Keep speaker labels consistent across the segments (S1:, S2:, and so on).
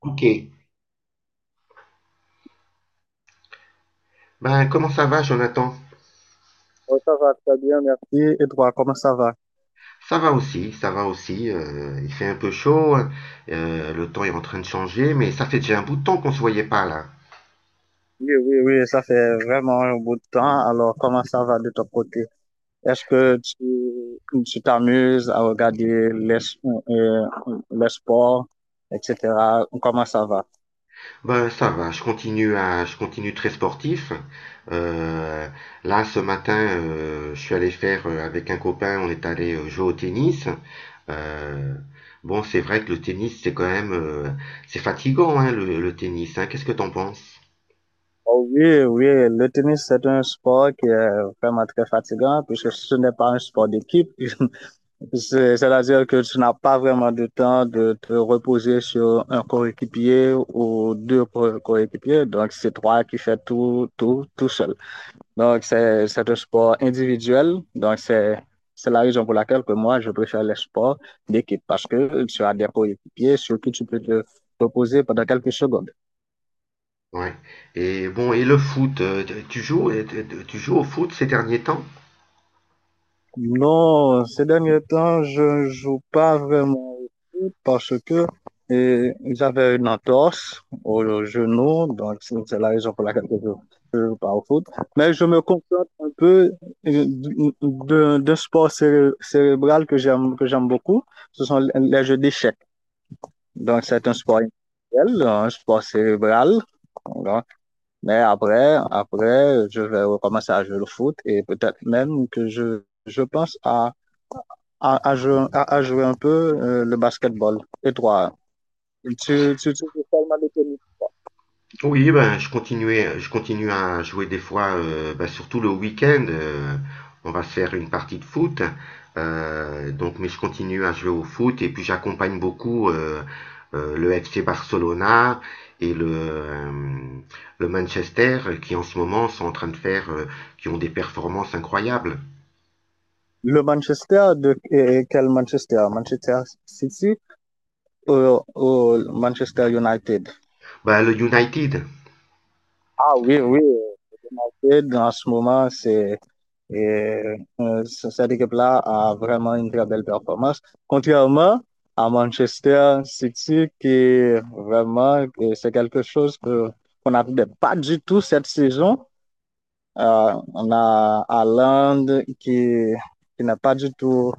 S1: Ok. Ben, comment ça va, Jonathan?
S2: Oh, ça va très bien, merci. Et toi, comment ça va?
S1: Ça va aussi, ça va aussi. Il fait un peu chaud, hein. Le temps est en train de changer, mais ça fait déjà un bout de temps qu'on se voyait pas là.
S2: Oui, oui, oui, ça fait vraiment un bout de temps. Alors, comment ça va de ton côté? Est-ce que tu t'amuses à regarder les sports, etc.? Comment ça va?
S1: Ben, ça va, je continue très sportif. Euh, Là, ce matin, je suis allé faire avec un copain, on est allé jouer au tennis. Euh, bon, c'est vrai que le tennis, c'est quand même, c'est fatigant, hein, le tennis, hein. Qu'est-ce que t'en penses?
S2: Oh oui, oui, le tennis, c'est un sport qui est vraiment très fatigant puisque ce n'est pas un sport d'équipe. C'est-à-dire que tu n'as pas vraiment de temps de te reposer sur un coéquipier ou deux coéquipiers. Donc, c'est toi qui fais tout, tout, tout seul. Donc, c'est un sport individuel. Donc, c'est la raison pour laquelle que moi, je préfère les sports d'équipe parce que tu as des coéquipiers sur qui tu peux te reposer pendant quelques secondes.
S1: Ouais. Et bon, et le foot, tu joues au foot ces derniers temps?
S2: Non, ces derniers temps, je joue pas vraiment au foot parce que j'avais une entorse au genou, donc c'est la raison pour laquelle je ne joue pas au foot. Mais je me contente un peu euh, d'un sport cérébral que j'aime beaucoup. Ce sont les jeux d'échecs. Donc c'est un sport intellectuel, un sport cérébral. Voilà. Mais après, après, je vais recommencer à jouer au foot et peut-être même que je pense à à à jouer un peu le basketball. Et toi, tu parles de
S1: Oui, je continue à jouer des fois, ben, surtout le week-end. On va se faire une partie de foot. Donc, mais je continue à jouer au foot et puis j'accompagne beaucoup le FC Barcelona et le Manchester qui en ce moment sont en train de faire, qui ont des performances incroyables.
S2: le Manchester et quel Manchester? Manchester City ou, ou Manchester United?
S1: Ben, le United.
S2: Ah oui, oui. United, en ce moment, et, cette équipe-là a vraiment une très belle performance. Contrairement à Manchester City, qui vraiment, c'est quelque chose qu'on n'attendait pas du tout cette saison. On a Haaland qui, qui n'est pas du tout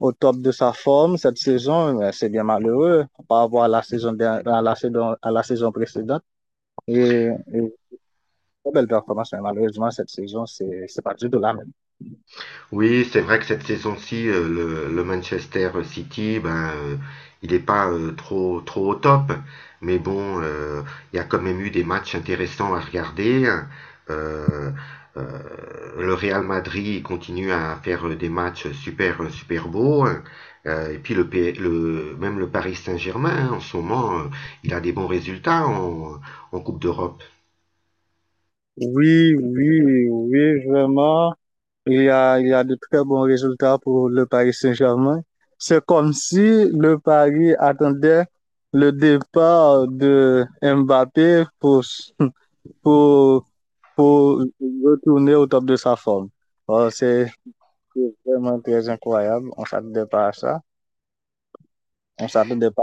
S2: au top de sa forme cette saison. Mais c'est bien malheureux par rapport à la saison, der- à la saison précédente. Et très belle performance, mais malheureusement, cette saison, c'est pas du tout la même.
S1: Oui, c'est vrai que cette saison-ci, le Manchester City, ben, il n'est pas trop au top. Mais bon, il y a quand même eu des matchs intéressants à regarder, hein. Euh, euh, le Real Madrid continue à faire des matchs super, super beaux, hein. Et puis le, P- le, même le Paris Saint-Germain, hein, en ce moment, il a des bons résultats en Coupe d'Europe.
S2: Oui, oui, oui, vraiment. Il y a de très bons résultats pour le Paris Saint-Germain. C'est comme si le Paris attendait le départ de Mbappé pour pour retourner au top de sa forme. Euh, c'est c'est vraiment très incroyable. On s'attendait pas à ça. On s'attendait pas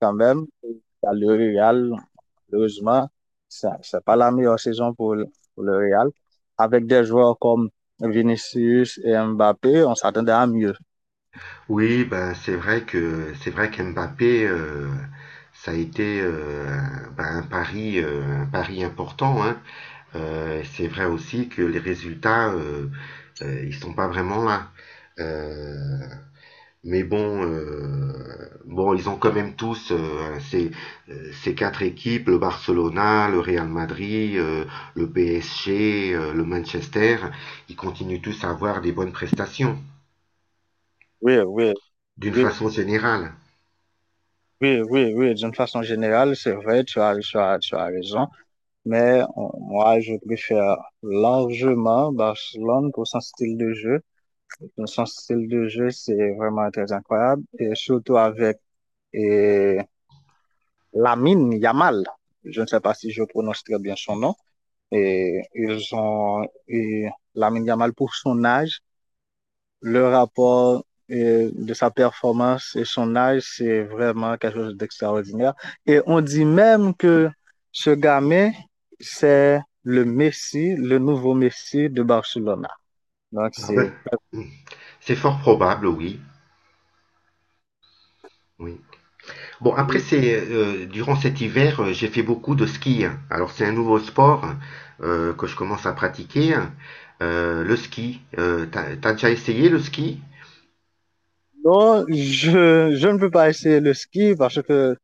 S2: quand même. À Le Real, malheureusement, ça, c'est pas la meilleure saison pour le Real. Avec des joueurs comme Vinicius et Mbappé, on s'attendait à mieux.
S1: Oui, c'est vrai qu'Mbappé, ça a été ben, un pari important, hein. C'est vrai aussi que les résultats, ils sont pas vraiment là. Euh, bon, ils ont quand même tous ces quatre équipes, le Barcelona, le Real Madrid, le PSG, le Manchester, ils continuent tous à avoir des bonnes prestations,
S2: Oui, oui,
S1: d'une
S2: oui,
S1: façon générale.
S2: oui, oui, oui. D'une façon générale, c'est vrai, tu as raison. Moi, je préfère largement Barcelone pour son style de jeu. Donc, son style de jeu, c'est vraiment très incroyable. Et surtout avec et, Lamine Yamal. Je ne sais pas si je prononce très bien son nom. Et ils ont et Lamine Yamal pour son âge. Le rapport de sa performance et son âge, c'est vraiment quelque chose d'extraordinaire. Et on dit même que ce gamin, c'est le Messi, le nouveau Messi de Barcelone. Donc,
S1: Ah ben,
S2: c'est…
S1: oui, c'est fort probable, oui. Oui. Bon, après, c'est durant cet hiver, j'ai fait beaucoup de ski, hein. Alors, c'est un nouveau sport, hein, que je commence à pratiquer, hein. Le ski. T'as déjà essayé le ski?
S2: Non, je ne peux pas essayer le ski parce que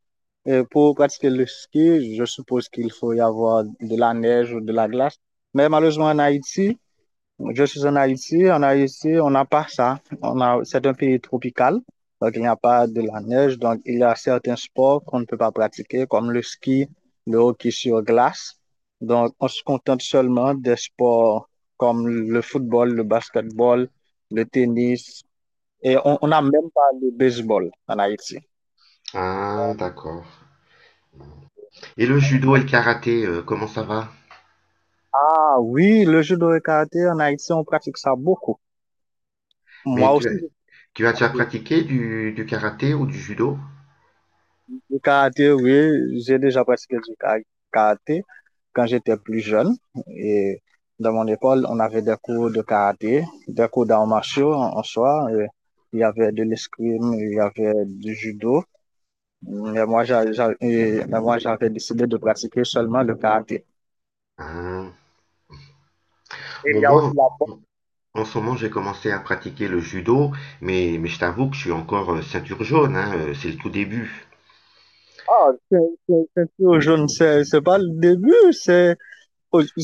S2: euh, pour pratiquer le ski, je suppose qu'il faut y avoir de la neige ou de la glace. Mais malheureusement, en Haïti, je suis en Haïti. En Haïti, on n'a pas ça. On a, c'est un pays tropical, donc il n'y a pas de la neige. Donc, il y a certains sports qu'on ne peut pas pratiquer, comme le ski, le hockey sur glace. Donc, on se contente seulement des sports comme le football, le basketball, le tennis, et on n'a même pas le baseball en Haïti.
S1: Ah, d'accord. Et le judo et le karaté, comment ça va?
S2: Ah oui, le judo et karaté, en Haïti, on pratique ça beaucoup. Moi
S1: Mais tu
S2: aussi,
S1: as,
S2: je
S1: tu as déjà
S2: pratique
S1: pratiqué du karaté ou du judo?
S2: le karaté, oui, j'ai déjà pratiqué karaté quand j'étais plus jeune. Et dans mon école, on avait des cours de karaté, des cours d'arts martiaux en, en soi. Et il y avait de l'escrime, il y avait du judo. Mais moi, moi, j'avais décidé de pratiquer seulement le karaté.
S1: Ah.
S2: Et il
S1: Bon,
S2: y a
S1: moi,
S2: aussi la…
S1: en ce moment, j'ai commencé à pratiquer le judo, mais je t'avoue que je suis encore ceinture jaune, hein, c'est le tout début.
S2: Ah, c'est tout jaune, c'est pas le début, c'est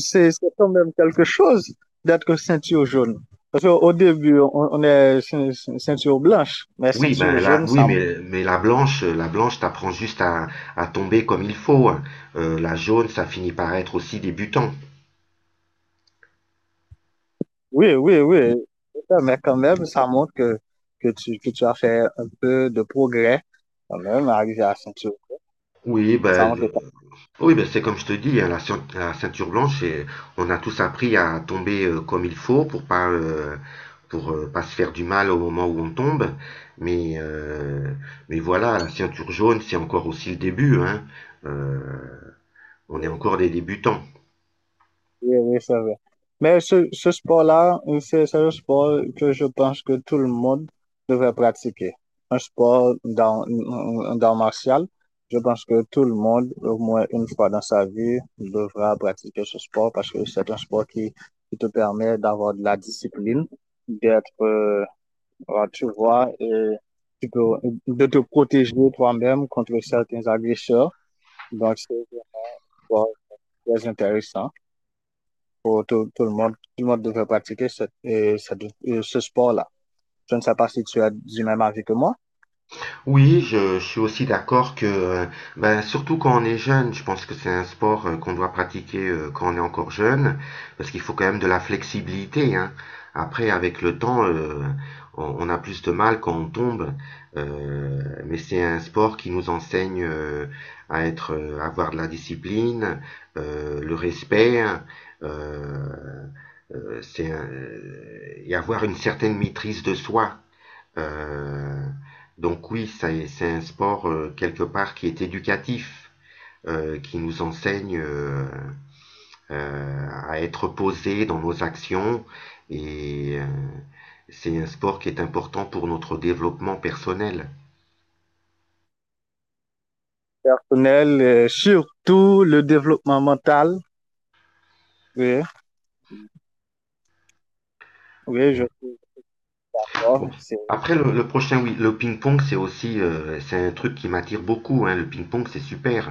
S2: c'est c'est quand même quelque chose d'être ceinture jaune. Parce qu'au début, on est ceinture blanche, mais
S1: Oui,
S2: ceinture
S1: ben là,
S2: jaune,
S1: oui,
S2: ça,
S1: mais la blanche t'apprend juste à tomber comme il faut, hein. La jaune, ça finit par être aussi débutant.
S2: oui, oui, oui, mais quand même, ça montre que tu que tu as fait un peu de progrès quand même, arrivé à ceinture.
S1: Oui,
S2: Ça
S1: ben,
S2: montre
S1: de-
S2: que
S1: oui, ben c'est comme je te dis, hein, la ceinture blanche, c'est, on a tous appris à tomber comme il faut pour pas se faire du mal au moment où on tombe. Mais, euh, mais voilà, la ceinture jaune, c'est encore aussi le début, hein. Euh, on est encore des débutants.
S2: oui, oui, c'est vrai. Mais ce sport-là, c'est un sport que je pense que tout le monde devrait pratiquer. Un sport dans martial, je pense que tout le monde, au moins une fois dans sa vie, devra pratiquer ce sport parce que c'est un sport qui te permet d'avoir de la discipline, d'être, euh, tu vois, et tu peux, de te protéger toi-même contre certains agresseurs. Donc, c'est un sport très intéressant pour tout, tout le monde. Tout le monde devrait pratiquer ce sport-là. Je ne sais pas si tu as du même avis que moi.
S1: Oui, je suis aussi d'accord que, ben, surtout quand on est jeune, je pense que c'est un sport qu'on doit pratiquer quand on est encore jeune, parce qu'il faut quand même de la flexibilité, hein. Après, avec le temps, on a plus de mal quand on tombe, euh, mais c'est un sport qui nous enseigne à être, à avoir de la discipline, le respect, hein. euh, et avoir une certaine maîtrise de soi. Euh, donc oui, c'est un sport quelque part qui est éducatif, qui nous enseigne à être posé dans nos actions et c'est un sport qui est important pour notre développement personnel.
S2: Personnel, surtout le développement mental. Oui, oui, je suis
S1: Bon.
S2: d'accord. C'est…
S1: Après le prochain, oui, le ping-pong, c'est aussi c'est un truc qui m'attire beaucoup, hein. Le ping-pong, c'est super.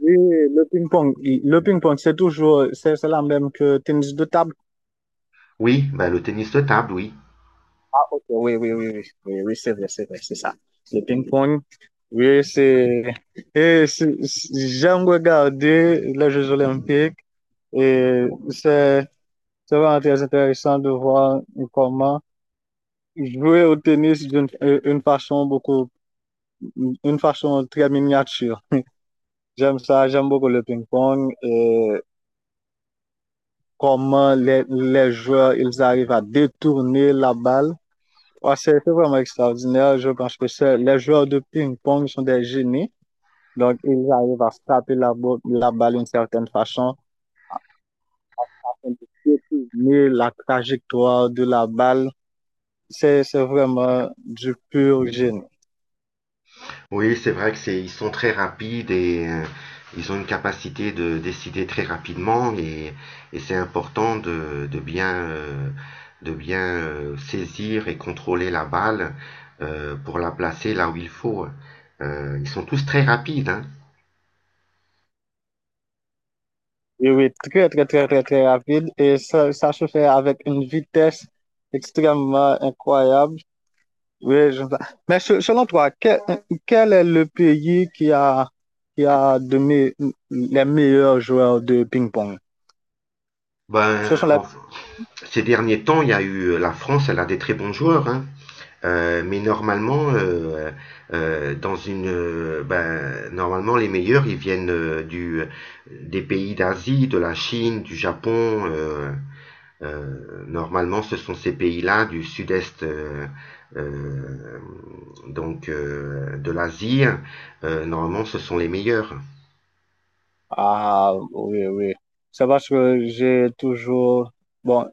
S2: Oui, le ping-pong, le ping-pong, c'est toujours, c'est la même que tennis de table.
S1: Oui, bah, le tennis de table, oui.
S2: Ah, ok, oui, oui, oui, oui, oui, oui, c'est vrai, c'est vrai, c'est ça. Le ping-pong, oui, c'est, et c'est- c'est- j'aime regarder les Jeux Olympiques et c'est, c'est vraiment très intéressant de voir comment jouer au tennis d'une une façon beaucoup, une façon très miniature. J'aime ça, j'aime beaucoup le ping-pong et comment les joueurs, ils arrivent à détourner la balle. Ouais, c'est vraiment extraordinaire. Je pense que les joueurs de ping-pong sont des génies. Donc, ils arrivent à taper la balle d'une certaine façon, mais la trajectoire de la balle. C'est vraiment du pur génie.
S1: Oui, c'est vrai que c'est, ils sont très rapides et ils ont une capacité de décider très rapidement et c'est important de bien saisir et contrôler la balle pour la placer là où il faut. Ils sont tous très rapides, hein.
S2: Oui, oui, très, très, très, très, très rapide. Et ça se fait avec une vitesse extrêmement incroyable. Oui, je… Mais selon toi, quel est le pays qui a les meilleurs joueurs de ping-pong? Ce
S1: Ben,
S2: sont les…
S1: en- ces derniers temps, il y a eu la France, elle a des très bons joueurs, hein. Euh, mais normalement, euh, ben, normalement les meilleurs, ils viennent des pays d'Asie, de la Chine, du Japon. Normalement, ce sont ces pays-là du sud-est, euh, donc de l'Asie. Normalement, ce sont les meilleurs.
S2: Ah, oui, oui. C'est parce que j'ai toujours… Bon,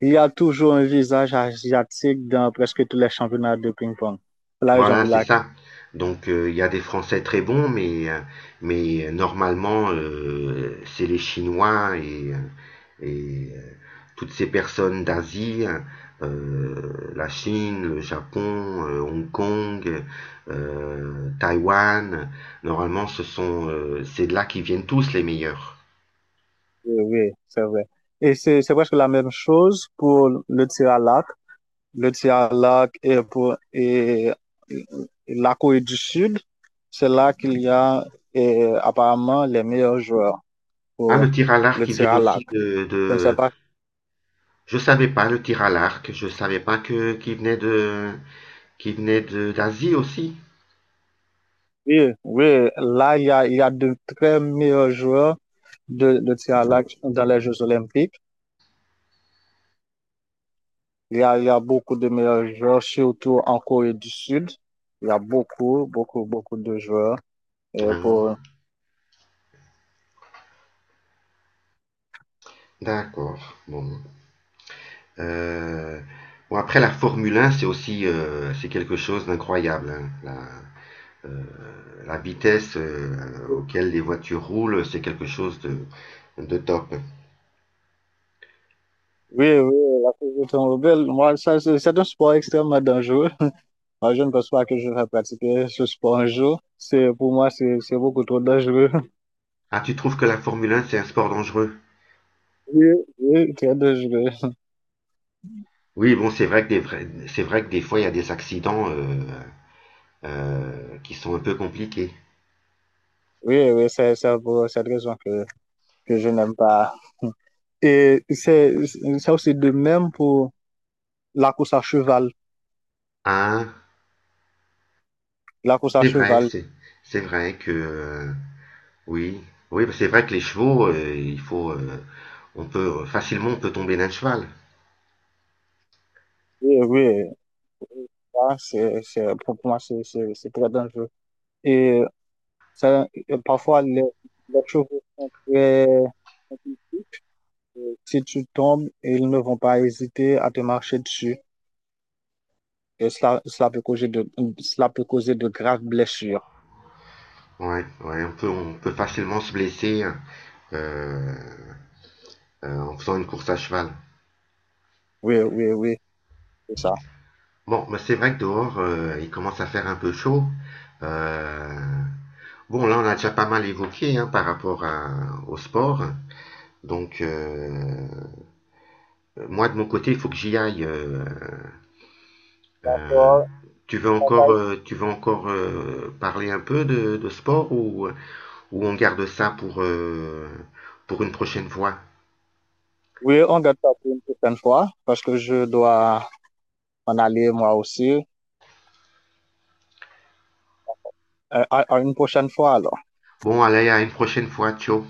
S2: il y a toujours un visage asiatique dans presque tous les championnats de ping-pong. C'est la raison
S1: Voilà,
S2: pour
S1: c'est
S2: laquelle…
S1: ça. Donc il y a des Français très bons, mais normalement, c'est les Chinois et, et, euh, toutes ces personnes d'Asie, euh, la Chine, le Japon, Hong Kong, Taïwan, normalement, c'est de là qu'ils viennent tous les meilleurs.
S2: Oui, oui, c'est vrai. Et c'est presque la même chose pour le tir à l'arc. Le tir à l'arc est pour et la Corée du Sud. C'est là qu'il y a apparemment les meilleurs joueurs
S1: Ah, le
S2: pour
S1: tir à l'arc,
S2: le
S1: ils
S2: tir
S1: viennent
S2: à l'arc.
S1: aussi
S2: Je ne sais
S1: de...
S2: pas.
S1: Je savais pas, le tir à l'arc, je savais pas que qu'il venait de d'Asie aussi.
S2: Oui, oui, là, il y a de très meilleurs joueurs de tir à l'arc dans les Jeux Olympiques. Il y a beaucoup de meilleurs joueurs, surtout en Corée du Sud. Il y a beaucoup, beaucoup, beaucoup de joueurs pour…
S1: Ah, d'accord. Bon. Euh, bon, après, la Formule 1, c'est aussi c'est quelque chose d'incroyable, hein. La vitesse auquel les voitures roulent, c'est quelque chose de top.
S2: Oui, oui, la course de automobile, moi, ça, c'est un sport extrêmement dangereux. Moi, je ne pense pas que je vais pratiquer ce sport un jour. Pour moi, c'est beaucoup trop dangereux.
S1: Ah, tu trouves que la Formule 1, c'est un sport dangereux?
S2: Oui, oui, très dangereux.
S1: Oui, bon, c'est vrai que c'est vrai que des fois, il y a des accidents qui sont un peu compliqués.
S2: Oui, oui, c'est pour cette raison que je n'aime pas. Et c'est aussi de même pour la course à cheval.
S1: Ah,
S2: La course à
S1: c'est vrai,
S2: cheval.
S1: c'est c'est vrai que... Oui, oui, bah, c'est vrai que les chevaux, on peut facilement, on peut tomber d'un cheval.
S2: Oui, oui, ça, pour moi, c'est très dangereux. Et ça, parfois, les chevaux sont très… Si tu tombes, ils ne vont pas hésiter à te marcher dessus. Et cela, cela peut causer de, cela peut causer de graves blessures.
S1: Ouais, ouais, on peut facilement se blesser euh, en faisant une course à cheval.
S2: Oui, oui, oui, c'est ça.
S1: Bon, mais c'est vrai que dehors, il commence à faire un peu chaud. Euh, bon, là, on a déjà pas mal évoqué, hein, au sport. Donc, moi de mon côté, il faut que j'y aille. Euh,
S2: Euh,
S1: Tu veux encore, tu veux encore parler un peu de sport ou on garde ça pour une prochaine fois?
S2: Oui, on garde ça pour une prochaine fois parce que je dois en aller moi aussi. À une prochaine fois alors.
S1: Bon, allez, à une prochaine fois. Ciao.